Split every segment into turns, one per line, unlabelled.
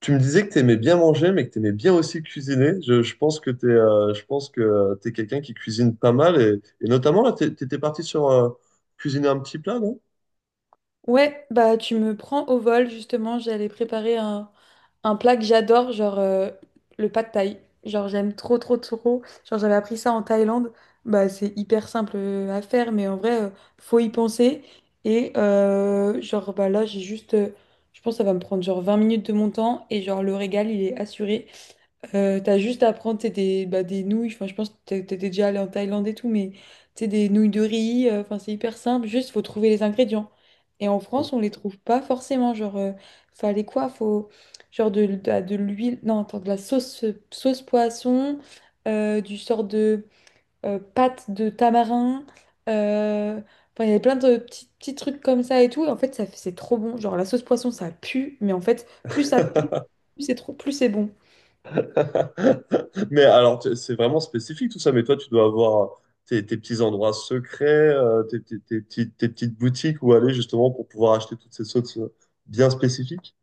Tu me disais que tu aimais bien manger, mais que tu aimais bien aussi cuisiner. Je pense que tu es, je pense que t'es quelqu'un qui cuisine pas mal. Et, notamment, là, tu étais parti sur cuisiner un petit plat, non?
Ouais, bah tu me prends au vol justement, j'allais préparer un plat que j'adore, genre le pad thaï. Genre j'aime trop trop trop. Genre j'avais appris ça en Thaïlande. Bah c'est hyper simple à faire, mais en vrai, faut y penser. Et genre bah là j'ai juste, je pense que ça va me prendre genre 20 minutes de mon temps et genre le régal il est assuré. T'as juste à prendre t'sais, des, bah, des nouilles, enfin, je pense que t'étais déjà allé en Thaïlande et tout, mais t'sais, des nouilles de riz, enfin, c'est hyper simple, juste faut trouver les ingrédients. Et en France, on les trouve pas forcément, genre, fallait quoi? Faut, genre de l'huile, non, attends, de la sauce, sauce poisson, du sort de pâte de tamarin, euh, enfin, il y avait plein de petits, petits trucs comme ça et tout, et en fait, c'est trop bon, genre, la sauce poisson, ça pue, mais en fait, plus ça pue, plus c'est trop, plus c'est bon.
Mais alors, c'est vraiment spécifique tout ça. Mais toi, tu dois avoir tes petits endroits secrets, tes petites boutiques où aller justement pour pouvoir acheter toutes ces sauces bien spécifiques.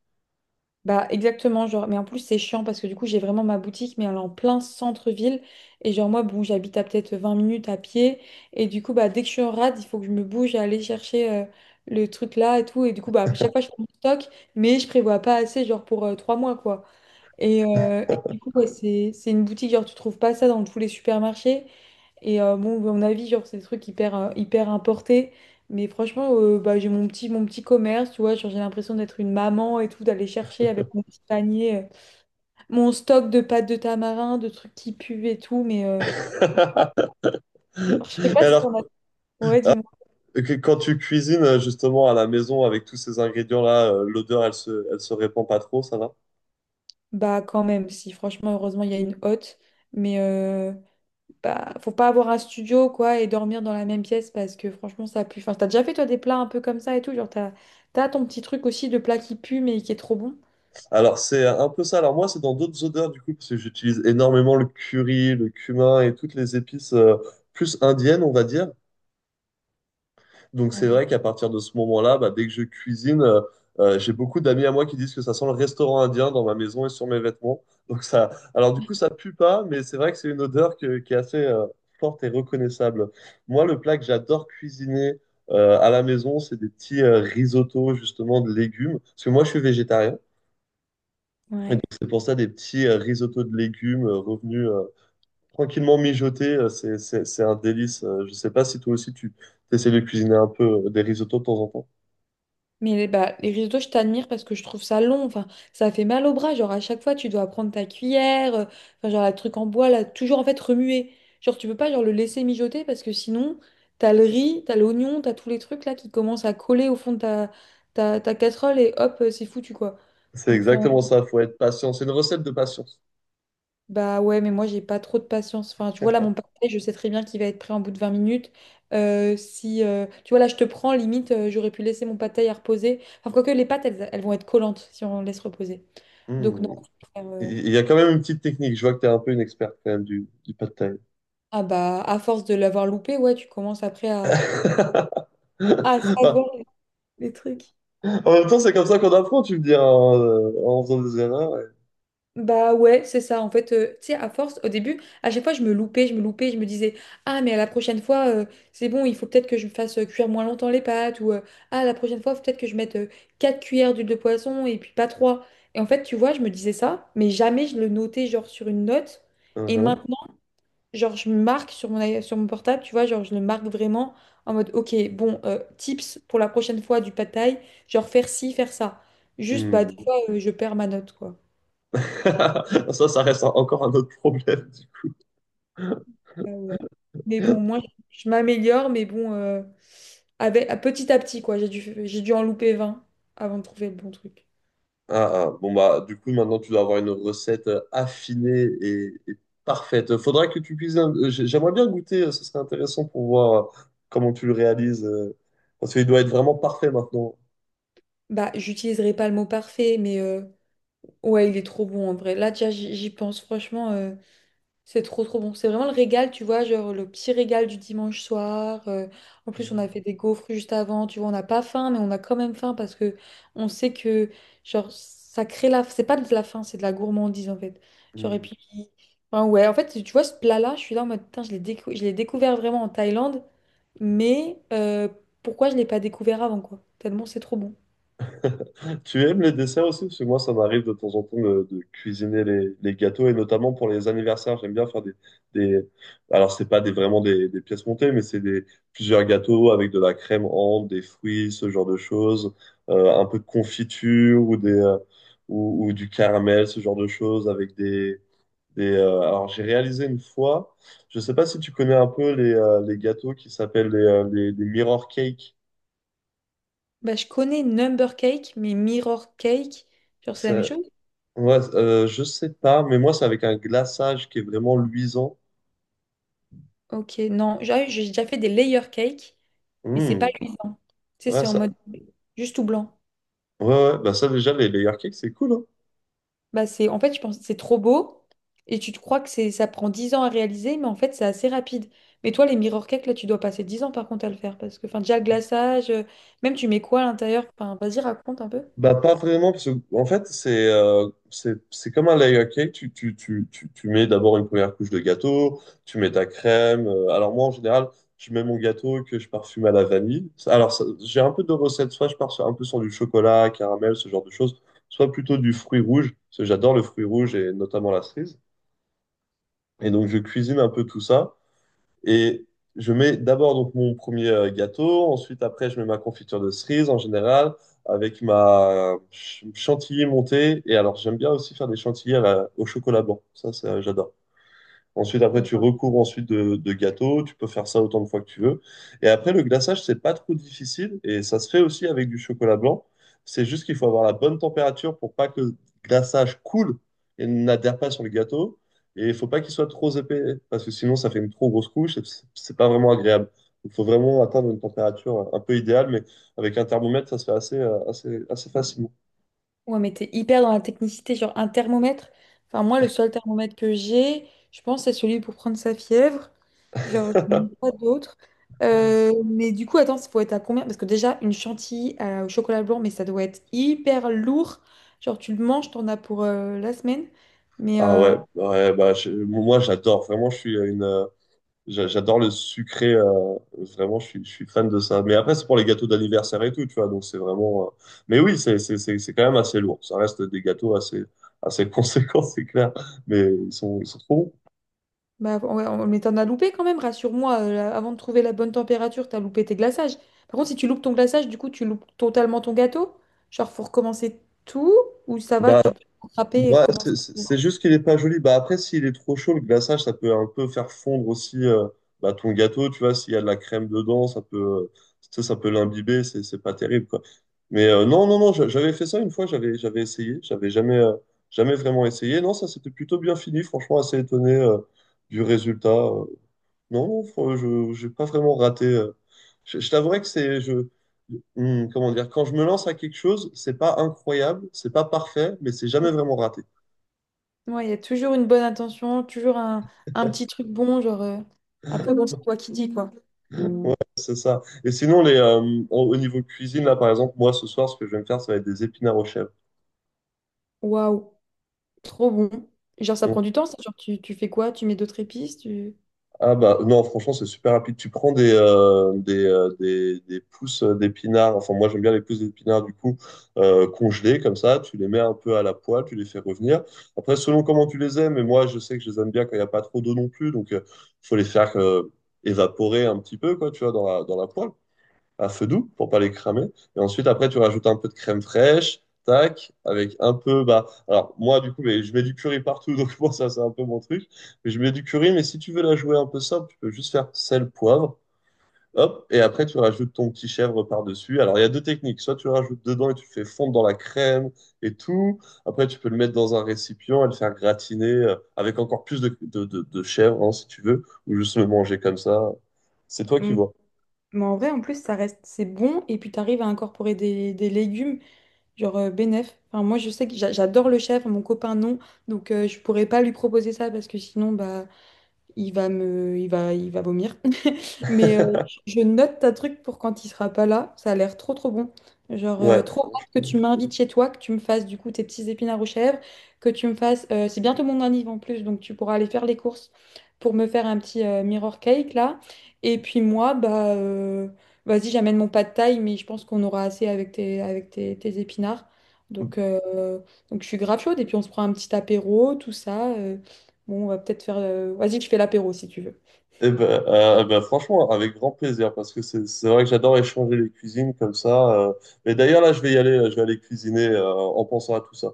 Bah exactement, genre, mais en plus c'est chiant parce que du coup j'ai vraiment ma boutique, mais elle est en plein centre-ville. Et genre moi, bon, j'habite à peut-être 20 minutes à pied. Et du coup, bah dès que je suis en rade, il faut que je me bouge à aller chercher le truc là et tout. Et du coup, bah à chaque fois je fais mon stock, mais je prévois pas assez, genre pour 3 mois, quoi. Et du coup, ouais, c'est une boutique, genre tu trouves pas ça dans tous les supermarchés. Et bon, à mon avis, genre, c'est des trucs hyper, hyper importés. Mais franchement, bah, j'ai mon petit commerce, tu vois. Genre, j'ai l'impression d'être une maman et tout, d'aller chercher avec mon petit panier, mon stock de pâtes de tamarin, de trucs qui puent et tout. Mais je sais pas si
Alors,
t'en as. Ouais, dis-moi.
et que quand tu cuisines justement à la maison avec tous ces ingrédients-là, l'odeur, elle se répand pas trop, ça va?
Bah, quand même, si. Franchement, heureusement, il y a une hotte. Mais bah, faut pas avoir un studio, quoi, et dormir dans la même pièce parce que franchement, ça pue. Enfin, t'as déjà fait, toi, des plats un peu comme ça et tout. Genre, t'as ton petit truc aussi de plat qui pue, mais qui est trop bon.
Alors c'est un peu ça. Alors moi, c'est dans d'autres odeurs du coup, parce que j'utilise énormément le curry, le cumin et toutes les épices plus indiennes, on va dire. Donc c'est vrai qu'à partir de ce moment-là, bah, dès que je cuisine, j'ai beaucoup d'amis à moi qui disent que ça sent le restaurant indien dans ma maison et sur mes vêtements. Donc ça, alors du coup ça pue pas, mais c'est vrai que c'est une odeur qui est assez forte et reconnaissable. Moi, le plat que j'adore cuisiner à la maison, c'est des petits risottos justement de légumes, parce que moi je suis végétarien. Et donc
Ouais.
c'est pour ça des petits risottos de légumes revenus tranquillement mijotés, c'est un délice. Je sais pas si toi aussi tu essaies de cuisiner un peu des risottos de temps en temps.
Mais les, bah, les risottos, je t'admire parce que je trouve ça long. Enfin, ça fait mal au bras. Genre, à chaque fois, tu dois prendre ta cuillère. Enfin, genre, le truc en bois, là, toujours en fait remuer. Genre, tu peux pas genre, le laisser mijoter parce que sinon, t'as le riz, t'as l'oignon, t'as tous les trucs là qui commencent à coller au fond de ta casserole et hop, c'est foutu quoi.
C'est
Donc, enfin,
exactement ça, faut être patient. C'est une recette de patience.
bah ouais, mais moi j'ai pas trop de patience. Enfin, tu vois là mon parfait, je sais très bien qu'il va être prêt en bout de 20 minutes. Si tu vois là, je te prends limite, j'aurais pu laisser mon pad thaï à reposer. Enfin, quoique les pâtes, elles, elles vont être collantes si on laisse reposer. Donc non.
Hmm.
euh,
Il y a quand même une petite technique. Je vois que tu es un peu une experte quand même du pad thai.
ah bah à force de l'avoir loupé, ouais, tu commences après à
Bah,
savoir les trucs.
en même temps, c'est comme ça qu'on apprend, tu me dis, hein, en faisant des erreurs. Ouais.
Bah ouais, c'est ça. En fait, tu sais, à force, au début, à chaque fois, je me loupais, je me disais, ah, mais à la prochaine fois, c'est bon, il faut peut-être que je fasse cuire moins longtemps les pâtes, ou ah, la prochaine fois, faut peut-être que je mette 4 cuillères d'huile de poisson et puis pas 3. Et en fait, tu vois, je me disais ça, mais jamais je le notais, genre, sur une note. Et
Mhm.
maintenant, genre, je marque sur sur mon portable, tu vois, genre, je le marque vraiment en mode, ok, bon, tips pour la prochaine fois du pad thaï, genre, faire ci, faire ça. Juste, bah, des
Hmm.
fois, je perds ma note, quoi.
Ça reste encore un autre problème du coup.
Ah ouais. Mais bon, moi, je m'améliore, mais bon, avec, petit à petit, quoi. J'ai dû en louper 20 avant de trouver le bon truc.
Ah, ah. Bon, bah, du coup, maintenant, tu dois avoir une recette affinée et parfaite. Faudra que tu cuisines. J'aimerais bien goûter, ce serait intéressant pour voir comment tu le réalises. Parce qu'il doit être vraiment parfait maintenant.
Bah, j'utiliserai pas le mot parfait, mais ouais, il est trop bon en vrai. Là, déjà, j'y pense, franchement. C'est trop trop bon. C'est vraiment le régal, tu vois, genre le petit régal du dimanche soir. En plus, on a fait des gaufres juste avant, tu vois, on n'a pas faim, mais on a quand même faim parce que on sait que genre ça crée la c'est pas de la faim, c'est de la gourmandise en fait. Genre et
Mm.
puis enfin, ouais, en fait, tu vois ce plat-là, je suis là en mode putain, je l'ai découvert vraiment en Thaïlande, mais pourquoi je l'ai pas découvert avant quoi? Tellement c'est trop bon.
Tu aimes les desserts aussi? Parce que moi, ça m'arrive de temps en temps de cuisiner les gâteaux et notamment pour les anniversaires, j'aime bien faire des. Alors, c'est pas des, vraiment des pièces montées, mais c'est des plusieurs gâteaux avec de la crème ambre, des fruits, ce genre de choses, un peu de confiture ou ou du caramel, ce genre de choses avec des. Alors, j'ai réalisé une fois, je sais pas si tu connais un peu les gâteaux qui s'appellent les mirror cakes.
Bah, je connais Number Cake, mais Mirror Cake, genre c'est la même chose?
Ouais, je sais pas, mais moi, c'est avec un glaçage qui est vraiment luisant.
Ok, non, j'ai déjà fait des layer cake. Mais c'est pas
Hmm.
luisant. Tu sais,
Ouais,
c'est en
ça...
mode juste tout blanc.
Ouais, ouais, bah ça, déjà, les layer cakes, c'est cool, hein.
Bah, c'est, en fait, je pense que c'est trop beau et tu te crois que c'est, ça prend 10 ans à réaliser, mais en fait, c'est assez rapide. Mais toi, les mirror cakes, là, tu dois passer 10 ans par contre à le faire parce que, enfin, déjà, le glaçage, même tu mets quoi à l'intérieur? Enfin, vas-y, raconte un peu.
Bah, pas vraiment, parce que, en fait, c'est comme un layer cake. Tu mets d'abord une première couche de gâteau, tu mets ta crème. Alors, moi, en général, je mets mon gâteau que je parfume à la vanille. J'ai un peu de recettes. Soit je pars un peu sur du chocolat, caramel, ce genre de choses, soit plutôt du fruit rouge, parce que j'adore le fruit rouge et notamment la cerise. Et donc, je cuisine un peu tout ça. Et je mets d'abord donc mon premier gâteau, ensuite après je mets ma confiture de cerise en général avec ma chantilly montée. Et alors j'aime bien aussi faire des chantilly au chocolat blanc, ça, j'adore. Ensuite, après, tu recouvres ensuite de gâteau. Tu peux faire ça autant de fois que tu veux. Et après, le glaçage, c'est pas trop difficile et ça se fait aussi avec du chocolat blanc. C'est juste qu'il faut avoir la bonne température pour pas que le glaçage coule et n'adhère pas sur le gâteau. Et il faut pas qu'il soit trop épais parce que sinon, ça fait une trop grosse couche et c'est pas vraiment agréable. Il faut vraiment atteindre une température un peu idéale, mais avec un thermomètre, ça se fait assez facilement.
Ouais, mais t'es hyper dans la technicité, genre un thermomètre. Enfin, moi, le seul thermomètre que j'ai, je pense, c'est celui pour prendre sa fièvre. Genre, je n'ai pas d'autre. Mais du coup, attends, ça faut être à combien? Parce que déjà, une chantilly au chocolat blanc, mais ça doit être hyper lourd. Genre, tu le manges, t'en as pour la semaine. Mais
Ah ouais, ouais bah, moi j'adore, vraiment, je suis une, j'adore le sucré, vraiment, je suis fan de ça. Mais après, c'est pour les gâteaux d'anniversaire et tout, tu vois, donc c'est vraiment. Mais oui, c'est quand même assez lourd. Ça reste des gâteaux assez conséquents, c'est clair. Mais ils sont trop bons.
bah, ouais, on- mais t'en as loupé quand même, rassure-moi. Là, avant de trouver la bonne température, t'as loupé tes glaçages. Par contre, si tu loupes ton glaçage, du coup, tu loupes totalement ton gâteau. Genre, faut recommencer tout ou ça va,
Bah,
tu peux rattraper et
ouais,
recommencer.
c'est juste qu'il est pas joli. Bah après, s'il est trop chaud, le glaçage, ça peut un peu faire fondre aussi ton gâteau, tu vois, s'il y a de la crème dedans, tu sais, ça peut l'imbiber, c'est pas terrible, quoi. Mais non, non, non, j'avais fait ça une fois, j'avais essayé, j'avais jamais, jamais vraiment essayé. Non, ça c'était plutôt bien fini, franchement, assez étonné du résultat. Non, non, fr- je j'ai pas vraiment raté. Je t'avouerai que comment dire, quand je me lance à quelque chose, c'est pas incroyable, c'est pas parfait, mais c'est jamais vraiment raté.
Ouais, il y a toujours une bonne intention, toujours un petit truc bon, genre. Après, bon, c'est toi qui dis, quoi.
Ouais, c'est ça. Et sinon, au au niveau cuisine, là, par exemple, moi, ce soir, ce que je vais me faire, ça va être des épinards au chèvres.
Waouh, trop bon. Genre, ça
Mm.
prend du temps, ça. Genre, tu fais quoi? Tu mets d'autres épices, tu...
Ah bah non, franchement, c'est super rapide. Tu prends des pousses d'épinards, enfin moi j'aime bien les pousses d'épinards du coup, congelées comme ça, tu les mets un peu à la poêle, tu les fais revenir. Après, selon comment tu les aimes, mais moi je sais que je les aime bien quand il n'y a pas trop d'eau non plus, donc il faut les faire évaporer un petit peu, quoi, tu vois, dans dans la poêle, à feu doux pour pas les cramer. Et ensuite, après, tu rajoutes un peu de crème fraîche, tac, avec un peu, bah, alors moi, du coup, mais je mets du curry partout, donc moi, ça, c'est un peu mon truc. Mais je mets du curry, mais si tu veux la jouer un peu simple, tu peux juste faire sel, poivre, hop, et après, tu rajoutes ton petit chèvre par-dessus. Alors, il y a deux techniques. Soit tu le rajoutes dedans et tu le fais fondre dans la crème et tout. Après, tu peux le mettre dans un récipient et le faire gratiner avec encore plus de chèvre, hein, si tu veux, ou juste le manger comme ça. C'est toi qui
Mm.
vois.
Mais en vrai, en plus, ça reste, c'est bon. Et puis, tu arrives à incorporer des légumes. Genre Bénef. Enfin, moi, je sais que j'adore le chef, mon copain non. Donc, je pourrais pas lui proposer ça parce que sinon, bah, il va me, il va vomir. Mais je note ta truc pour quand il sera pas là. Ça a l'air trop trop bon. Genre
Ouais,
trop hâte que tu
franchement.
m'invites chez toi, que tu me fasses du coup tes petits épinards aux chèvres, que tu me fasses. C'est bientôt mon anniv en plus, donc tu pourras aller faire les courses pour me faire un petit mirror cake là. Et puis moi, bah vas-y, j'amène mon pas de taille, mais je pense qu'on aura assez avec tes épinards.
Eh
Donc euh, donc je suis grave chaude et puis on se prend un petit apéro, tout ça. Bon, on va peut-être faire. Vas-y, je fais l'apéro si tu veux.
ben, eh ben, franchement, avec grand plaisir, parce que c'est vrai que j'adore échanger les cuisines comme ça. Mais d'ailleurs, là, je vais y aller, je vais aller cuisiner en pensant à tout ça.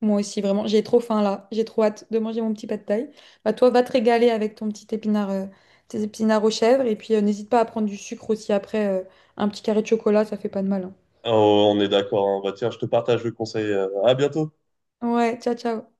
Moi aussi, vraiment, j'ai trop faim là. J'ai trop hâte de manger mon petit pad thaï. Bah, toi, va te régaler avec ton petit épinard, tes épinards aux chèvres. Et puis, n'hésite pas à prendre du sucre aussi après. Un petit carré de chocolat, ça fait pas de mal, hein.
Oh, on est d'accord, hein. Bah, tiens, je te partage le conseil. Euh. À bientôt.
Ouais, ciao, ciao.